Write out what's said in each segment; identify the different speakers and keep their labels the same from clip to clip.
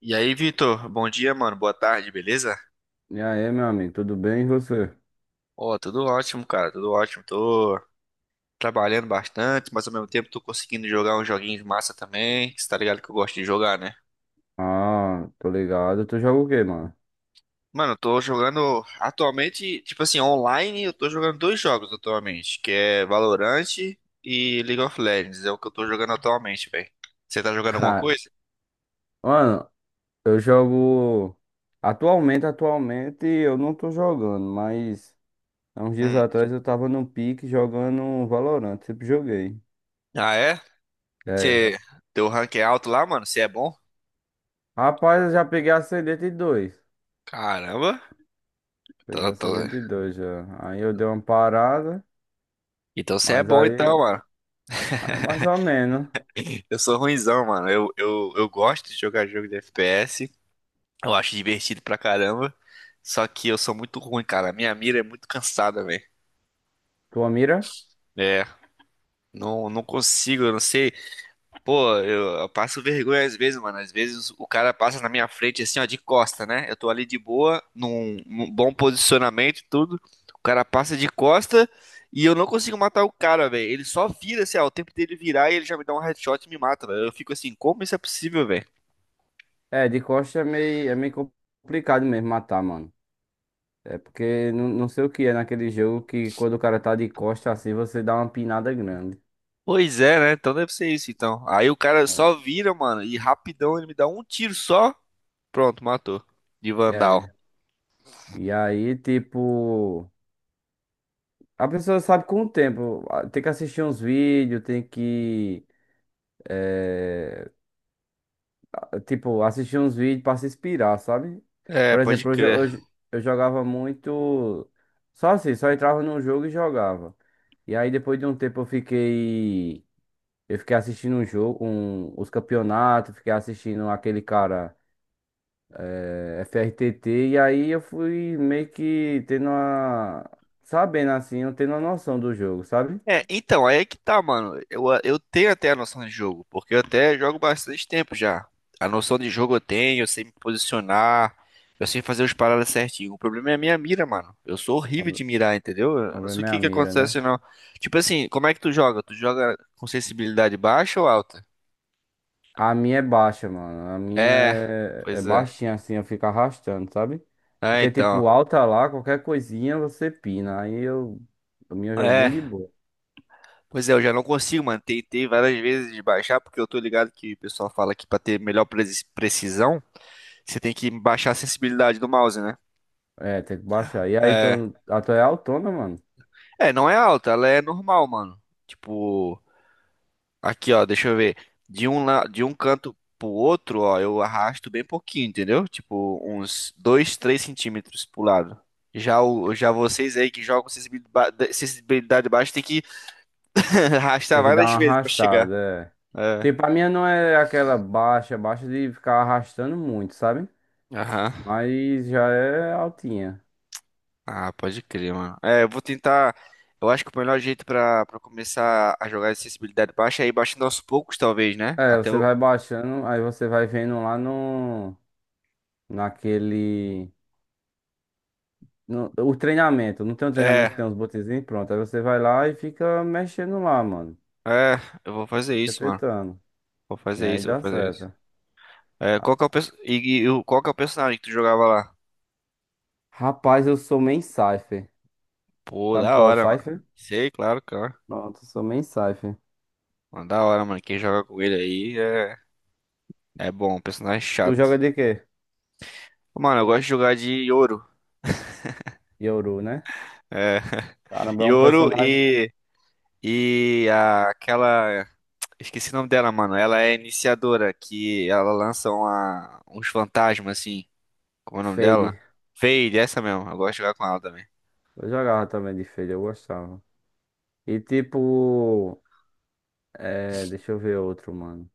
Speaker 1: E aí, Vitor? Bom dia, mano. Boa tarde, beleza?
Speaker 2: E aí, meu amigo, tudo bem e você?
Speaker 1: Ó, tudo ótimo, cara. Tudo ótimo. Tô trabalhando bastante, mas ao mesmo tempo tô conseguindo jogar uns joguinhos massa também. Você tá ligado que eu gosto de jogar, né?
Speaker 2: Ah, tô ligado. Tu joga o quê, mano?
Speaker 1: Mano, eu tô jogando atualmente, tipo assim, online, eu tô jogando dois jogos atualmente, que é Valorant e League of Legends. É o que eu tô jogando atualmente, velho. Você tá jogando alguma
Speaker 2: Ah,
Speaker 1: coisa?
Speaker 2: mano, eu jogo. Atualmente, atualmente eu não tô jogando, mas há uns dias
Speaker 1: Hum.
Speaker 2: atrás eu tava no pique jogando um Valorant, sempre joguei.
Speaker 1: Ah, é?
Speaker 2: É.
Speaker 1: Você... Teu rank é alto lá, mano? Você é bom?
Speaker 2: Rapaz, eu já peguei Ascendente dois.
Speaker 1: Caramba.
Speaker 2: Peguei
Speaker 1: Tô- tô-
Speaker 2: Ascendente dois já. Aí eu dei uma parada,
Speaker 1: Então você é
Speaker 2: mas
Speaker 1: bom então,
Speaker 2: aí
Speaker 1: mano.
Speaker 2: aí é mais ou menos.
Speaker 1: Eu sou ruinzão, mano. Eu gosto de jogar jogo de FPS. Eu acho divertido pra caramba. Só que eu sou muito ruim, cara. A minha mira é muito cansada, velho.
Speaker 2: Tua mira?
Speaker 1: É. Não, não consigo, eu não sei. Pô, eu passo vergonha às vezes, mano. Às vezes o cara passa na minha frente assim, ó, de costa, né? Eu tô ali de boa, num bom posicionamento, e tudo. O cara passa de costa e eu não consigo matar o cara, velho. Ele só vira, assim, ó, o tempo dele virar e ele já me dá um headshot e me mata, velho. Eu fico assim, como isso é possível, velho?
Speaker 2: É, de costa é meio complicado mesmo matar, mano. É porque não, não sei o que é naquele jogo que quando o cara tá de costa assim, você dá uma pinada grande.
Speaker 1: Pois é, né? Então deve ser isso, então. Aí o cara só vira, mano, e rapidão ele me dá um tiro só. Pronto, matou. De Vandal.
Speaker 2: É. E aí, tipo, a pessoa sabe com o tempo. Ah, tem que assistir uns vídeos, tem que, eh, tipo, assistir uns vídeos pra se inspirar, sabe?
Speaker 1: É,
Speaker 2: Por
Speaker 1: pode
Speaker 2: exemplo,
Speaker 1: crer.
Speaker 2: eu jogava muito. Só assim, só entrava num jogo e jogava. E aí, depois de um tempo, eu fiquei. Eu fiquei assistindo um jogo, um, os campeonatos, fiquei assistindo aquele cara. É, FRTT, e aí eu fui meio que tendo uma. Sabendo assim, eu tendo uma noção do jogo, sabe?
Speaker 1: É, então, aí é que tá, mano. Eu tenho até a noção de jogo, porque eu até jogo bastante tempo já. A noção de jogo eu tenho, eu sei me posicionar, eu sei fazer os paradas certinho. O problema é a minha mira, mano. Eu sou
Speaker 2: O
Speaker 1: horrível de mirar, entendeu? Eu não sei o
Speaker 2: problema é
Speaker 1: que
Speaker 2: a
Speaker 1: que
Speaker 2: mira, né?
Speaker 1: acontece, não. Tipo assim, como é que tu joga? Tu joga com sensibilidade baixa ou alta?
Speaker 2: A minha é baixa, mano. A minha
Speaker 1: É,
Speaker 2: é, é
Speaker 1: pois é.
Speaker 2: baixinha assim, eu fico arrastando, sabe?
Speaker 1: Ah,
Speaker 2: Porque,
Speaker 1: então.
Speaker 2: tipo, alta lá, qualquer coisinha você pina. Aí eu. A minha eu jogo bem
Speaker 1: É,
Speaker 2: de boa.
Speaker 1: pois é, eu já não consigo, mano. Tentei várias vezes de baixar, porque eu tô ligado que o pessoal fala que pra ter melhor precisão, você tem que baixar a sensibilidade do mouse, né?
Speaker 2: É, tem que baixar. E aí,
Speaker 1: É.
Speaker 2: tu, a tua é autona, mano.
Speaker 1: É, não é alta, ela é normal, mano. Tipo, aqui, ó, deixa eu ver. De um canto pro outro, ó, eu arrasto bem pouquinho, entendeu? Tipo, uns 2, 3 centímetros pro lado. Já vocês aí que jogam sensibilidade, baixa, tem que arrastar
Speaker 2: Tem que dar
Speaker 1: várias
Speaker 2: uma
Speaker 1: vezes pra chegar.
Speaker 2: arrastada, é.
Speaker 1: É.
Speaker 2: Tipo, a minha não é aquela baixa, baixa de ficar arrastando muito, sabe?
Speaker 1: Aham.
Speaker 2: Mas já é altinha.
Speaker 1: Ah, pode crer, mano. É, eu vou tentar. Eu acho que o melhor jeito pra para começar a jogar de sensibilidade baixa é ir baixando aos poucos, talvez, né?
Speaker 2: É,
Speaker 1: Até
Speaker 2: você
Speaker 1: o.
Speaker 2: vai baixando, aí você vai vendo lá no, naquele, no, o treinamento. Não tem um treinamento que
Speaker 1: É,
Speaker 2: tem uns botõezinhos, pronto. Aí você vai lá e fica mexendo lá, mano.
Speaker 1: é, eu vou fazer
Speaker 2: Fica
Speaker 1: isso, mano.
Speaker 2: tentando.
Speaker 1: Vou
Speaker 2: E
Speaker 1: fazer
Speaker 2: aí
Speaker 1: isso, vou
Speaker 2: dá
Speaker 1: fazer isso.
Speaker 2: certo.
Speaker 1: É,
Speaker 2: Ah,
Speaker 1: qual que é o personagem que tu jogava lá?
Speaker 2: rapaz, eu sou main Cypher.
Speaker 1: Pô,
Speaker 2: Sabe
Speaker 1: da
Speaker 2: qual é o
Speaker 1: hora, mano.
Speaker 2: Cypher?
Speaker 1: Sei, claro, claro.
Speaker 2: Pronto, eu sou main Cypher.
Speaker 1: Mano, da hora, mano. Quem joga com ele aí é bom, um personagem
Speaker 2: Tu
Speaker 1: chato.
Speaker 2: joga de quê?
Speaker 1: Mano, eu gosto de jogar de Yoro.
Speaker 2: Yoru, né?
Speaker 1: É.
Speaker 2: Caramba, é um
Speaker 1: Yoro
Speaker 2: personagem
Speaker 1: e, aquela. Esqueci o nome dela, mano. Ela é iniciadora, que ela lança uns fantasmas, assim. Como é o nome dela?
Speaker 2: Fade.
Speaker 1: Fade, essa mesmo. Eu gosto de jogar com ela também.
Speaker 2: Eu jogava também de Fade, eu gostava. E tipo, é, deixa eu ver outro, mano.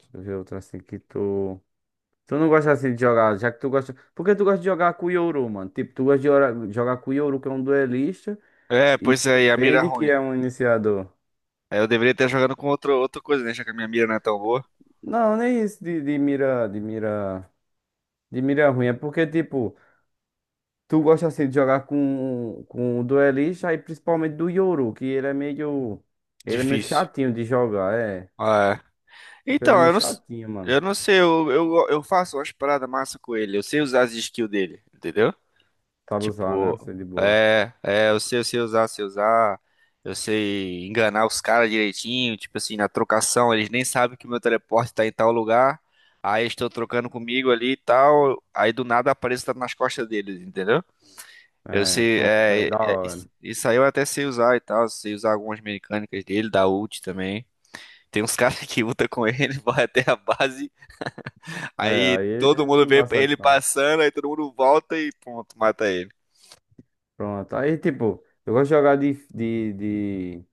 Speaker 2: Deixa eu ver outro assim que tu. Tu não gosta assim de jogar, já que tu gosta. Por que tu gosta de jogar com o Yoru, mano? Tipo, tu gosta de ora- jogar com o Yoru, que é um duelista,
Speaker 1: É,
Speaker 2: e
Speaker 1: pois
Speaker 2: e
Speaker 1: é, e a mira é
Speaker 2: Fade, que
Speaker 1: ruim.
Speaker 2: é um iniciador.
Speaker 1: Aí eu deveria estar jogando com outro, outra coisa, né? Já que a minha mira não é tão boa.
Speaker 2: Não, nem isso de mira, de mira, de mira ruim. É porque, tipo, tu gosta assim de jogar com o duelista e principalmente do Yoru, que ele é meio. Ele é meio
Speaker 1: Difícil.
Speaker 2: chatinho de jogar, é.
Speaker 1: Ah, é.
Speaker 2: Ele
Speaker 1: Então,
Speaker 2: é meio
Speaker 1: eu não,
Speaker 2: chatinho,
Speaker 1: eu
Speaker 2: mano.
Speaker 1: não sei, eu faço umas paradas massa com ele. Eu sei usar as skills dele, entendeu?
Speaker 2: Sabe usar, né?
Speaker 1: Tipo,
Speaker 2: Assim de boa.
Speaker 1: é, é, eu sei usar, eu sei enganar os caras direitinho, tipo assim, na trocação, eles nem sabem que o meu teleporte tá em tal lugar, aí estou trocando comigo ali e tal, aí do nada apareço tá nas costas deles, entendeu? Eu
Speaker 2: É,
Speaker 1: sei,
Speaker 2: pronto,
Speaker 1: é,
Speaker 2: é
Speaker 1: é,
Speaker 2: da
Speaker 1: é, isso
Speaker 2: hora.
Speaker 1: isso aí eu até sei usar e tal, sei usar algumas mecânicas dele, da ult também. Tem uns caras que lutam com ele, vai até a base,
Speaker 2: É,
Speaker 1: aí
Speaker 2: aí
Speaker 1: todo mundo
Speaker 2: não
Speaker 1: vê
Speaker 2: dá
Speaker 1: ele
Speaker 2: certo, não.
Speaker 1: passando, aí todo mundo volta e pronto, mata ele.
Speaker 2: Pronto. Aí, tipo, eu gosto de jogar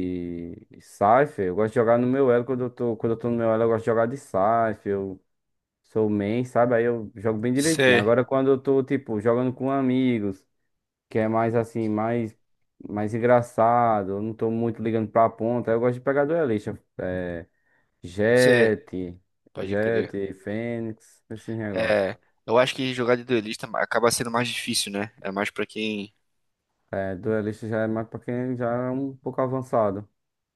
Speaker 2: de Cypher. Eu gosto de jogar no meu elo. Quando eu tô no meu elo, eu gosto de jogar de Cypher. Eu sou main, sabe? Aí eu jogo bem direitinho.
Speaker 1: Sei,
Speaker 2: Agora, quando eu tô, tipo, jogando com amigos, que é mais assim, mais, mais engraçado, eu não tô muito ligando pra ponta, aí eu gosto de pegar duelista. É,
Speaker 1: sei.
Speaker 2: Jett,
Speaker 1: Pode crer.
Speaker 2: Jett, Fênix, esses negócios.
Speaker 1: É, eu acho que jogar de duelista acaba sendo mais difícil, né? É mais pra quem.
Speaker 2: É, duelista já é mais pra quem já é um pouco avançado.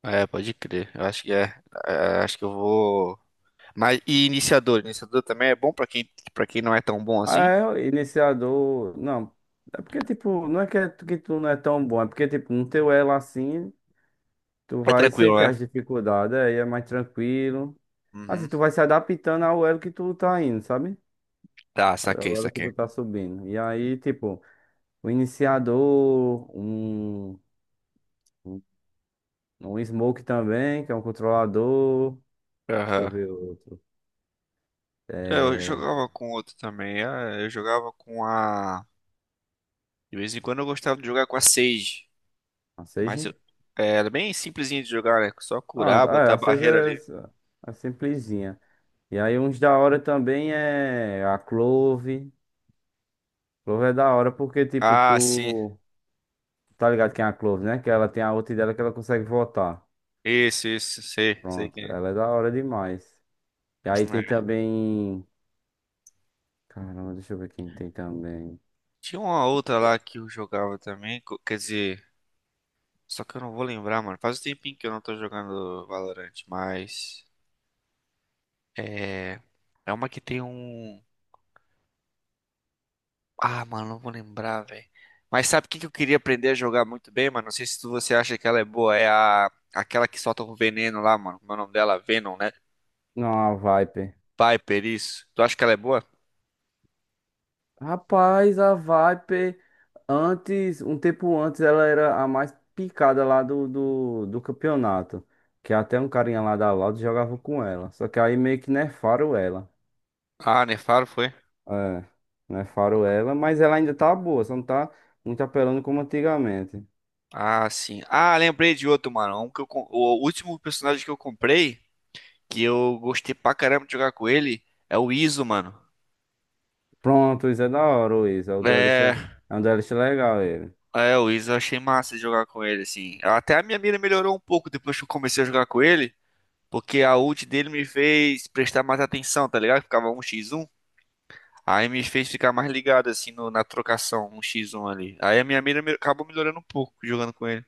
Speaker 1: É, pode crer. Eu acho que é. É, acho que eu vou. Mas e iniciador? Iniciador também é bom pra quem para quem não é tão bom
Speaker 2: Ah,
Speaker 1: assim?
Speaker 2: é o iniciador. Não. É porque, tipo, não é que, é- que tu não é tão bom, é porque, tipo, no teu elo assim, tu
Speaker 1: É
Speaker 2: vai
Speaker 1: tranquilo,
Speaker 2: sentir
Speaker 1: né?
Speaker 2: as dificuldades, aí é mais tranquilo. Assim,
Speaker 1: Uhum.
Speaker 2: tu vai se adaptando ao elo que tu tá indo, sabe?
Speaker 1: Tá, saquei,
Speaker 2: Ao elo que tu
Speaker 1: saquei.
Speaker 2: tá subindo. E aí, tipo, o iniciador, um um smoke também, que é um controlador. Deixa eu
Speaker 1: Aham.
Speaker 2: ver outro.
Speaker 1: É, eu
Speaker 2: É.
Speaker 1: jogava com outro também. Ah, eu jogava com a. De vez em quando eu gostava de jogar com a Sage.
Speaker 2: A
Speaker 1: Mas eu.
Speaker 2: Sage?
Speaker 1: É, era bem simplesinho de jogar, né? Só
Speaker 2: Pronto,
Speaker 1: curar,
Speaker 2: ah, é,
Speaker 1: botar a
Speaker 2: a Sage
Speaker 1: barreira
Speaker 2: é,
Speaker 1: ali.
Speaker 2: é simplesinha. E aí uns da hora também é a Clove. Clove é da hora porque, tipo,
Speaker 1: Ah, sim.
Speaker 2: tu tá ligado quem é a Clove, né? Que ela tem a outra dela que ela consegue votar.
Speaker 1: Isso, isso. Sei, sei
Speaker 2: Pronto,
Speaker 1: quem é.
Speaker 2: ela é da hora demais. E aí tem
Speaker 1: É,
Speaker 2: também. Caramba, deixa eu ver quem tem também.
Speaker 1: tinha uma outra lá que eu jogava também, quer dizer, só que eu não vou lembrar, mano. Faz um tempinho que eu não tô jogando Valorant, mas é é uma que tem um. Ah, mano, não vou lembrar, velho. Mas sabe o que que eu queria aprender a jogar muito bem, mano? Não sei se você acha que ela é boa, é a aquela que solta o veneno lá, mano. Como é o nome dela? Venom, né?
Speaker 2: Não, a Viper.
Speaker 1: Piper, isso. Tu acha que ela é boa?
Speaker 2: Rapaz, a Viper, antes, um tempo antes, ela era a mais picada lá do campeonato. Que até um carinha lá da Loud jogava com ela. Só que aí meio que nerfaram ela.
Speaker 1: Ah, nefaro foi?
Speaker 2: É, não é faroela, mas ela ainda tá boa, só não tá muito apelando como antigamente.
Speaker 1: Ah, sim. Ah, lembrei de outro, mano. O último personagem que eu comprei que eu gostei pra caramba de jogar com ele é o Iso, mano.
Speaker 2: Pronto, isso é da hora, o Isa. O
Speaker 1: É,
Speaker 2: duelista, é um duelista legal ele.
Speaker 1: é, o Iso eu achei massa de jogar com ele, assim. Até a minha mira melhorou um pouco depois que eu comecei a jogar com ele, porque a ult dele me fez prestar mais atenção, tá ligado? Ficava um x 1. Aí me fez ficar mais ligado, assim, na trocação um x 1 ali. Aí a minha mira acabou melhorando um pouco jogando com ele.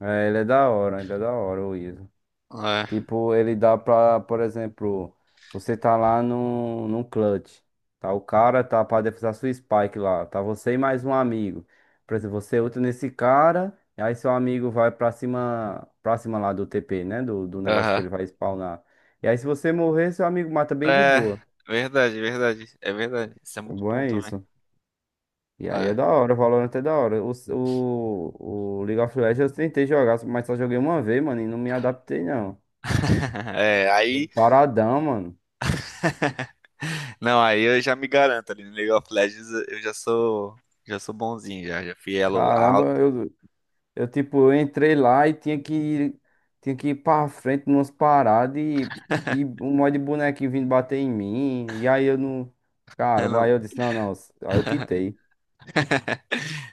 Speaker 2: É, ele é da hora, ele é da hora, o Isa.
Speaker 1: É,
Speaker 2: Tipo, ele dá pra, por exemplo, você tá lá no num clutch. Tá o cara, tá pra defusar sua spike lá. Tá você e mais um amigo. Por exemplo, você ulta nesse cara. E aí seu amigo vai pra cima lá do TP, né? Do negócio que
Speaker 1: aham.
Speaker 2: ele vai spawnar. E aí se você morrer, seu amigo mata bem de
Speaker 1: É,
Speaker 2: boa.
Speaker 1: verdade, verdade. É verdade. Isso é
Speaker 2: O
Speaker 1: muito
Speaker 2: bom
Speaker 1: bom
Speaker 2: é
Speaker 1: também.
Speaker 2: isso. E aí
Speaker 1: É.
Speaker 2: é da hora, o Valorant é da hora. O League of Legends eu tentei jogar, mas só joguei uma vez, mano, e não me adaptei não.
Speaker 1: É, aí.
Speaker 2: Jogo Paradão, mano.
Speaker 1: Não, aí eu já me garanto ali no League of Legends, eu já sou bonzinho já, já fui elo alto.
Speaker 2: Caramba, eu, tipo, eu entrei lá e tinha que ir pra frente numas paradas e um monte de bonequinho vindo bater em mim. E aí eu não. Cara,
Speaker 1: Não,
Speaker 2: aí eu disse, não, não. Aí eu quitei.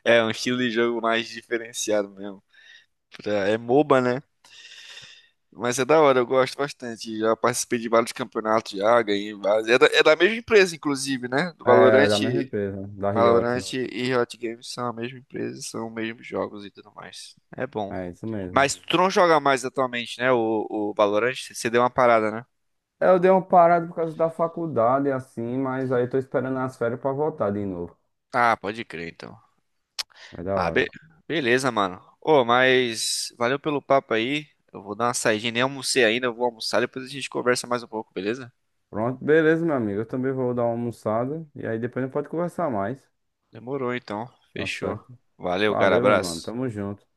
Speaker 1: é um estilo de jogo mais diferenciado mesmo. É MOBA, né? Mas é da hora, eu gosto bastante. Já participei de vários campeonatos já, ganhei vários. É da mesma empresa, inclusive, né? Do
Speaker 2: É,
Speaker 1: Valorant,
Speaker 2: da mesma empresa, da
Speaker 1: Valorant
Speaker 2: Riot.
Speaker 1: e Riot Games são a mesma empresa, são os mesmos jogos e tudo mais. É bom.
Speaker 2: É isso mesmo.
Speaker 1: Mas tu não joga mais atualmente, né? O Valorant, você deu uma parada, né?
Speaker 2: Eu dei uma parada por causa da faculdade, assim, mas aí eu tô esperando as férias pra voltar de novo.
Speaker 1: Ah, pode crer, então.
Speaker 2: É da
Speaker 1: Ah, be-
Speaker 2: hora.
Speaker 1: beleza, mano. Ô, mas valeu pelo papo aí. Eu vou dar uma saidinha, nem almocei ainda, eu vou almoçar, depois a gente conversa mais um pouco, beleza?
Speaker 2: Pronto, beleza, meu amigo. Eu também vou dar uma almoçada e aí depois a gente pode conversar mais.
Speaker 1: Demorou então.
Speaker 2: Tá
Speaker 1: Fechou.
Speaker 2: certo.
Speaker 1: Valeu, cara,
Speaker 2: Valeu, meu mano.
Speaker 1: abraço.
Speaker 2: Tamo junto.